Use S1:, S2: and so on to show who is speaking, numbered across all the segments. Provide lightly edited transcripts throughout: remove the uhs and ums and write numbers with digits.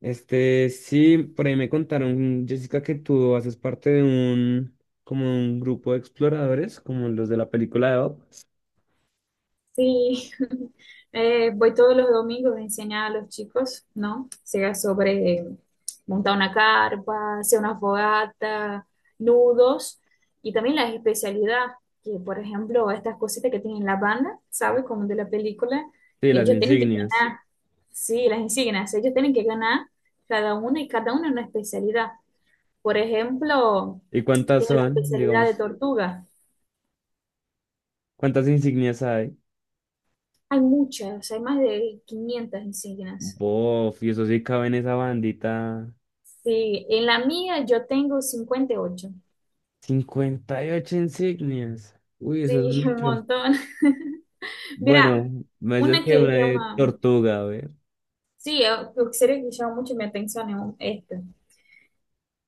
S1: Sí, por ahí me contaron, Jessica, que tú haces parte de como un grupo de exploradores, como los de la película de Bob.
S2: Sí, voy todos los domingos a enseñar a los chicos, ¿no? Sea sobre montar una carpa, hacer una fogata, nudos y también la especialidad, que por ejemplo estas cositas que tienen la banda, ¿sabes? Como de la película,
S1: Sí, las
S2: ellos tienen que
S1: insignias.
S2: ganar, sí, las insignias, ellos tienen que ganar cada una y cada una especialidad. Por ejemplo,
S1: ¿Y cuántas
S2: tienen la
S1: son?
S2: especialidad de
S1: Digamos,
S2: tortuga,
S1: ¿cuántas insignias hay?
S2: hay muchas, hay más de 500 insignias.
S1: Bof, y eso sí cabe en esa bandita.
S2: Sí, en la mía yo tengo 58.
S1: 58 insignias. Uy, eso es
S2: Sí, un
S1: mucho.
S2: montón. Mira,
S1: Bueno, me dices
S2: una
S1: que
S2: que
S1: una de
S2: llama,
S1: tortuga, a ver.
S2: sí, eu seria que chama mucho mi atención é esta.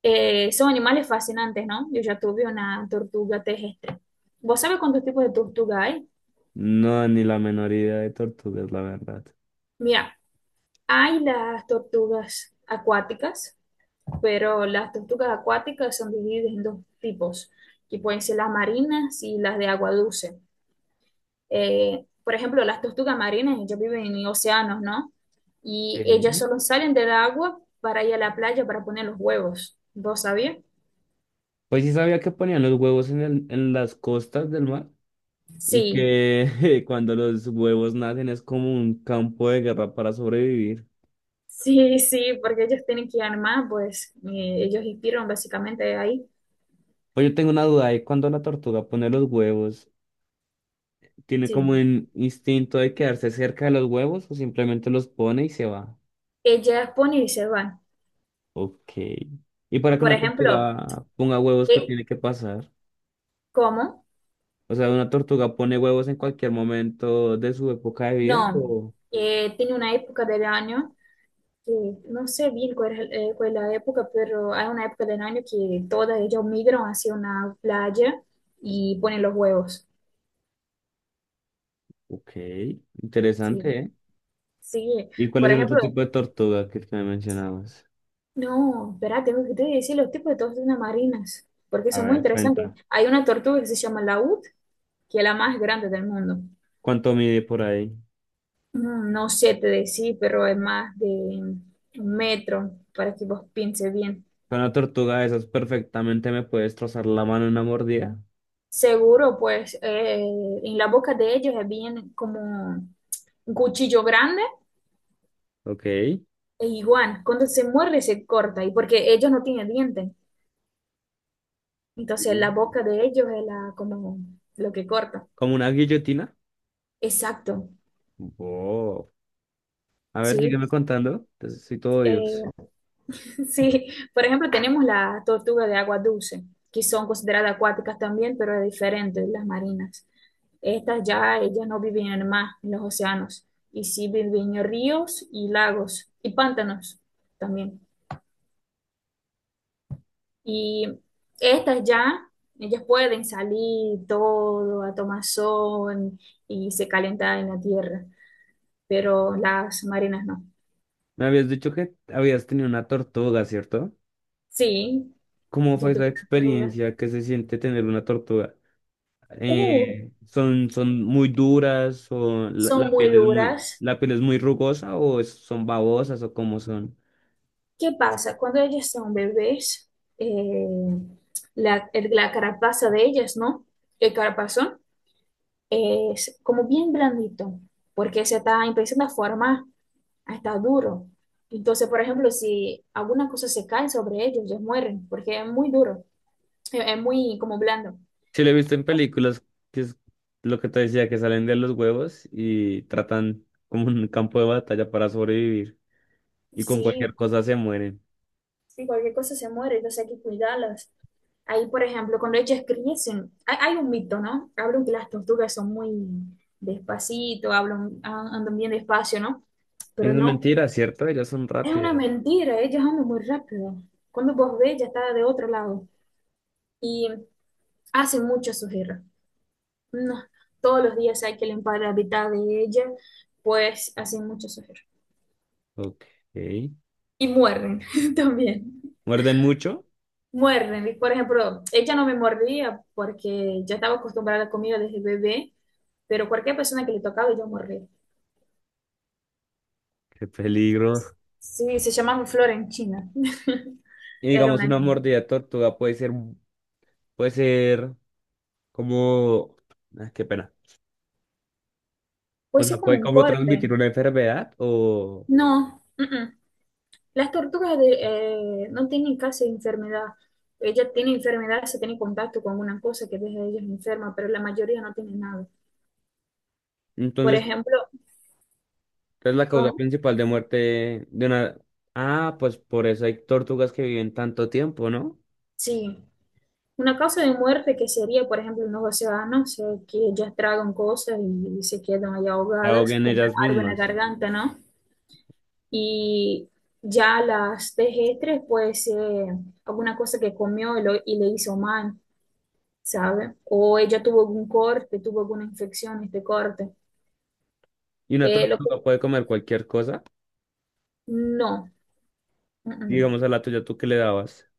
S2: São animais fascinantes, ¿no? Yo ya tuve una tortuga terrestre. ¿Vos sabés cuántos tipos de tortuga hay?
S1: No, ni la menor idea de tortugas, la verdad.
S2: Mira, hay las tortugas acuáticas, pero las tortugas acuáticas son divididas en dos tipos, que pueden ser las marinas y las de agua dulce. Por ejemplo, las tortugas marinas, ellas viven en océanos, ¿no? Y ellas
S1: ¿Eh?
S2: solo salen del agua para ir a la playa para poner los huevos. ¿Vos sabías?
S1: Pues sí sabía que ponían los huevos en en las costas del mar y
S2: Sí,
S1: que cuando los huevos nacen es como un campo de guerra para sobrevivir.
S2: sí, sí, porque ellos tienen que armar, pues ellos inspiran básicamente ahí.
S1: Pues yo tengo una duda de cuando la tortuga pone los huevos, ¿tiene como
S2: Sí,
S1: un instinto de quedarse cerca de los huevos o simplemente los pone y se va?
S2: ellas ponen y se van.
S1: Ok. ¿Y para que
S2: Por
S1: una
S2: ejemplo,
S1: tortuga ponga huevos, qué
S2: eh,
S1: tiene que pasar?
S2: ¿cómo?
S1: O sea, ¿una tortuga pone huevos en cualquier momento de su época de vida?
S2: No,
S1: O...
S2: tiene una época del año que no sé bien cuál es la época, pero hay una época del año que todas ellas migran hacia una playa y ponen los huevos.
S1: Ok, interesante,
S2: Sí,
S1: ¿eh?
S2: sí.
S1: ¿Y cuál
S2: Por
S1: es el otro
S2: ejemplo,
S1: tipo de tortuga que me mencionabas?
S2: no, espera, tengo que te decir los tipos de tortugas marinas, porque
S1: A
S2: son muy
S1: ver,
S2: interesantes.
S1: cuenta.
S2: Hay una tortuga que se llama laúd, que es la más grande del mundo.
S1: ¿Cuánto mide por ahí?
S2: No sé te decir, pero es más de un metro, para que vos pienses bien.
S1: Con una tortuga de esas perfectamente me puede destrozar la mano en una mordida.
S2: Seguro, pues en la boca de ellos es bien como un cuchillo grande
S1: Ok. Sí.
S2: e igual, cuando se muerde se corta y porque ellos no tienen dientes, entonces la boca de ellos es la, como lo que corta.
S1: ¿Como una guillotina?
S2: Exacto,
S1: Wow. A ver,
S2: sí.
S1: sígueme contando. Entonces, soy todo
S2: Eh,
S1: oídos.
S2: sí, por ejemplo, tenemos la tortuga de agua dulce, que son consideradas acuáticas también, pero es diferente de las marinas. Estas ya, ellas no viven en el mar, en los océanos, y sí viven en ríos y lagos y pantanos también. Y estas ya, ellas pueden salir todo a tomar sol y se calentar en la tierra, pero las marinas no.
S1: Me habías dicho que habías tenido una tortuga, ¿cierto?
S2: Sí,
S1: ¿Cómo
S2: yo
S1: fue esa
S2: tuve una duda.
S1: experiencia que se siente tener una tortuga?
S2: Uh,
S1: Son muy duras o la
S2: son muy
S1: piel es muy,
S2: duras.
S1: la piel es muy rugosa o son babosas o cómo son?
S2: ¿Qué pasa? Cuando ellas son bebés, eh, la, la carapaza de ellas, ¿no? El carapazón es como bien blandito, porque se está empezando a formar. Está duro. Entonces, por ejemplo, si alguna cosa se cae sobre ellos, ellos mueren, porque es muy duro, es muy como blando.
S1: Sí, lo he visto en películas, que es lo que te decía, que salen de los huevos y tratan como un campo de batalla para sobrevivir. Y con
S2: Sí,
S1: cualquier cosa se mueren.
S2: sí, cualquier cosa se muere, entonces hay que cuidarlas. Ahí, por ejemplo, cuando ellas crecen, hay un mito, ¿no? Hablan que las tortugas son muy despacito, hablan, andan bien despacio, ¿no?
S1: Eso
S2: Pero
S1: es
S2: no,
S1: mentira, ¿cierto? Ellas son
S2: es una
S1: rápidas.
S2: mentira, ellas andan muy rápido. Cuando vos ves, ya está de otro lado y hacen mucha sujeira. No, todos los días hay que limpiar la mitad de ella, pues hacen mucho sufrir.
S1: Ok.
S2: Y muerden también.
S1: Muerden mucho.
S2: Muerden. Y, por ejemplo, ella no me mordía porque ya estaba acostumbrada a la comida desde bebé, pero cualquier persona que le tocaba yo mordía.
S1: Qué peligro.
S2: Sí, se llamaba Flora en China.
S1: Y
S2: Era
S1: digamos,
S2: una
S1: una
S2: niña.
S1: mordida de tortuga puede ser como... ah, qué pena. O
S2: Pues es
S1: sea,
S2: como
S1: puede
S2: un
S1: como
S2: corte.
S1: transmitir una enfermedad o...
S2: No, mm-mm. Las tortugas de, no tienen casi enfermedad. Ella tiene enfermedad si tiene contacto con una cosa que deja a ellas enferma, pero la mayoría no tiene nada. Por
S1: Entonces,
S2: ejemplo,
S1: es la causa
S2: ¿cómo?
S1: principal de muerte de una... Ah, pues por eso hay tortugas que viven tanto tiempo, ¿no?
S2: Sí, una causa de muerte que sería, por ejemplo, unos océanos que ellas tragan cosas y, se quedan ahí
S1: Se
S2: ahogadas
S1: ahogan
S2: con
S1: ellas
S2: algo en la
S1: mismas.
S2: garganta, ¿no? Y ya las terrestres, pues alguna cosa que comió y, y le hizo mal, ¿sabe? O ella tuvo algún corte, tuvo alguna infección, este corte.
S1: Y una
S2: Eh, lo que-
S1: tortuga puede comer cualquier cosa.
S2: no, mm, mm.
S1: Digamos a la tuya, ¿tú qué le dabas?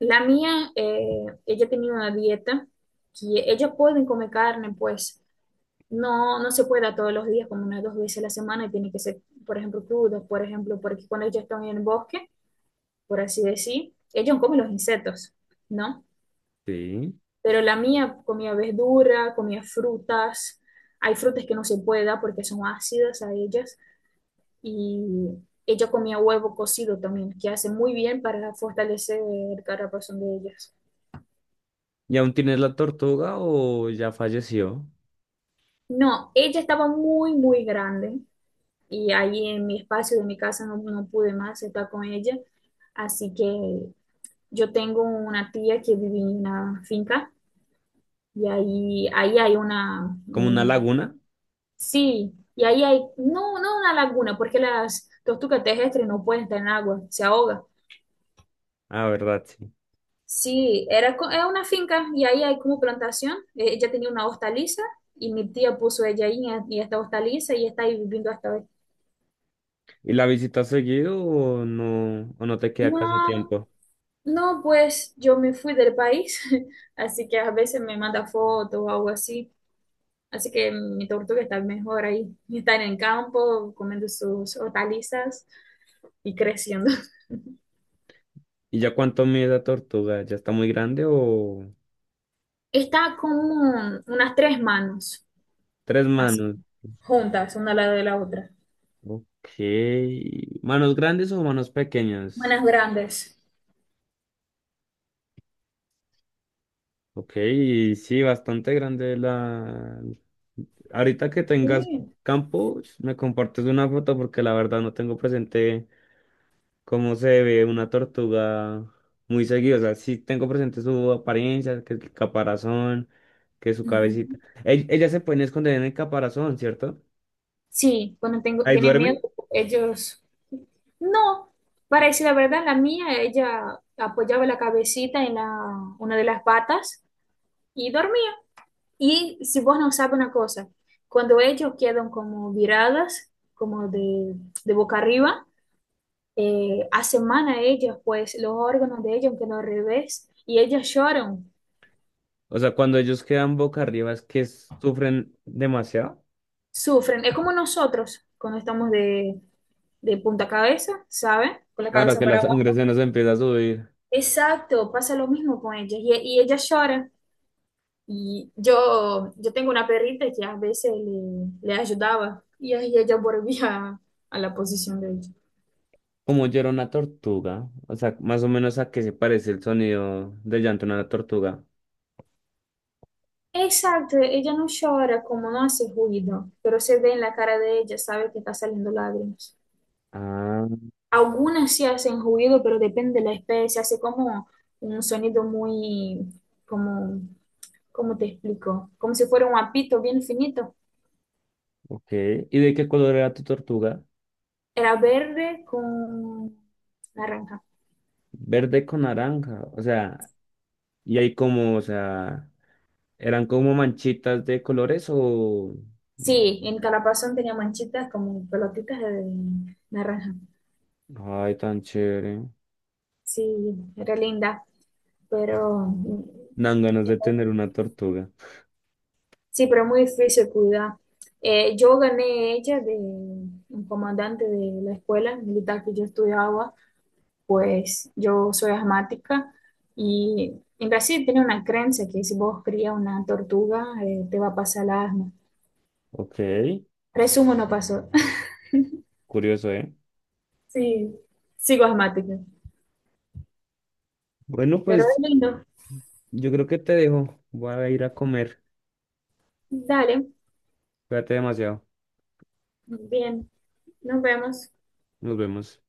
S2: La mía, ella tenía una dieta que ellas pueden comer carne, pues. No, no se puede a todos los días, como unas dos veces a la semana, y tiene que ser, por ejemplo, crudos, por ejemplo, porque cuando ellos están en el bosque, por así decir, ellos comen los insectos, ¿no?
S1: Sí.
S2: Pero la mía comía verdura, comía frutas, hay frutas que no se puede dar porque son ácidas a ellas, y ella comía huevo cocido también, que hace muy bien para fortalecer el caparazón de ellas.
S1: ¿Y aún tienes la tortuga o ya falleció?
S2: No, ella estaba muy, muy grande y ahí en mi espacio de mi casa no, no pude más estar con ella. Así que yo tengo una tía que vive en una finca y ahí hay una,
S1: ¿Como una laguna?
S2: sí, y ahí hay, no, no una laguna, porque las tortugas terrestres no pueden estar en agua, se ahogan.
S1: Ah, verdad, sí.
S2: Sí, era, era una finca y ahí hay como plantación. Ella tenía una hostaliza y mi tía puso ella ahí en esta hostaliza y está ahí viviendo hasta hoy.
S1: ¿Y la visitas seguido o no te queda casi
S2: No,
S1: tiempo?
S2: no, pues yo me fui del país, así que a veces me manda fotos o algo así. Así que mi tortuga está mejor ahí. Está en el campo, comiendo sus hortalizas y creciendo.
S1: ¿Y ya cuánto mide la tortuga? ¿Ya está muy grande o...?
S2: Está como unas tres manos,
S1: Tres
S2: así,
S1: manos.
S2: juntas, una al lado de la otra.
S1: Ok. ¿Manos grandes o manos pequeñas?
S2: Manos grandes.
S1: Ok, y sí, bastante grande la... Ahorita que tengas
S2: Sí.
S1: campo, me compartes una foto porque la verdad no tengo presente cómo se ve una tortuga muy seguido. O sea, sí tengo presente su apariencia, que el caparazón, que su
S2: Ujú.
S1: cabecita. Ellas se pueden esconder en el caparazón, ¿cierto?
S2: Sí, cuando tengo,
S1: Ahí
S2: tiene miedo,
S1: duerme.
S2: ellos... No, para decir la verdad, la mía, ella apoyaba la cabecita en la, una de las patas y dormía. Y si vos no sabes una cosa, cuando ellos quedan como viradas, como de boca arriba, aseman a ellos, pues los órganos de ellos quedan al revés y ellas lloran,
S1: O sea, cuando ellos quedan boca arriba es que sufren demasiado.
S2: sufren. Es como nosotros cuando estamos de punta cabeza, ¿sabes? Con la
S1: Claro
S2: cabeza
S1: que
S2: para
S1: la sangre
S2: abajo.
S1: se nos empieza a subir.
S2: Exacto, pasa lo mismo con ellas y ellas lloran. Yo tengo una perrita que a veces le ayudaba y ahí ella volvía a la posición de ella.
S1: Como llora una tortuga. O sea, más o menos a qué se parece el sonido del llanto de una tortuga.
S2: Exacto, ella no llora como no hace ruido, pero se ve en la cara de ella, sabe que está saliendo lágrimas.
S1: Ah,
S2: Algunas sí hacen ruido, pero depende de la especie, hace como un sonido muy, como, ¿cómo te explico? Como si fuera un apito bien finito.
S1: ok. ¿Y de qué color era tu tortuga?
S2: Era verde con naranja.
S1: Verde con naranja. O sea, y ahí como, o sea, ¿eran como manchitas de colores o...?
S2: Sí, en Calapazón tenía manchitas como pelotitas de naranja.
S1: Ay, tan chévere.
S2: Sí, era linda, pero
S1: Dan ganas de tener una tortuga.
S2: sí, pero es muy difícil cuidar. Yo gané ella de un comandante de la escuela militar que yo estudiaba, pues yo soy asmática y en Brasil tiene una creencia que si vos crías una tortuga te va a pasar el asma.
S1: Ok,
S2: Resumo, no pasó.
S1: curioso, ¿eh?
S2: Sí, sigo asmática,
S1: Bueno,
S2: pero es
S1: pues
S2: lindo.
S1: yo creo que te dejo. Voy a ir a comer.
S2: Dale,
S1: Cuídate demasiado.
S2: bien, nos vemos.
S1: Nos vemos.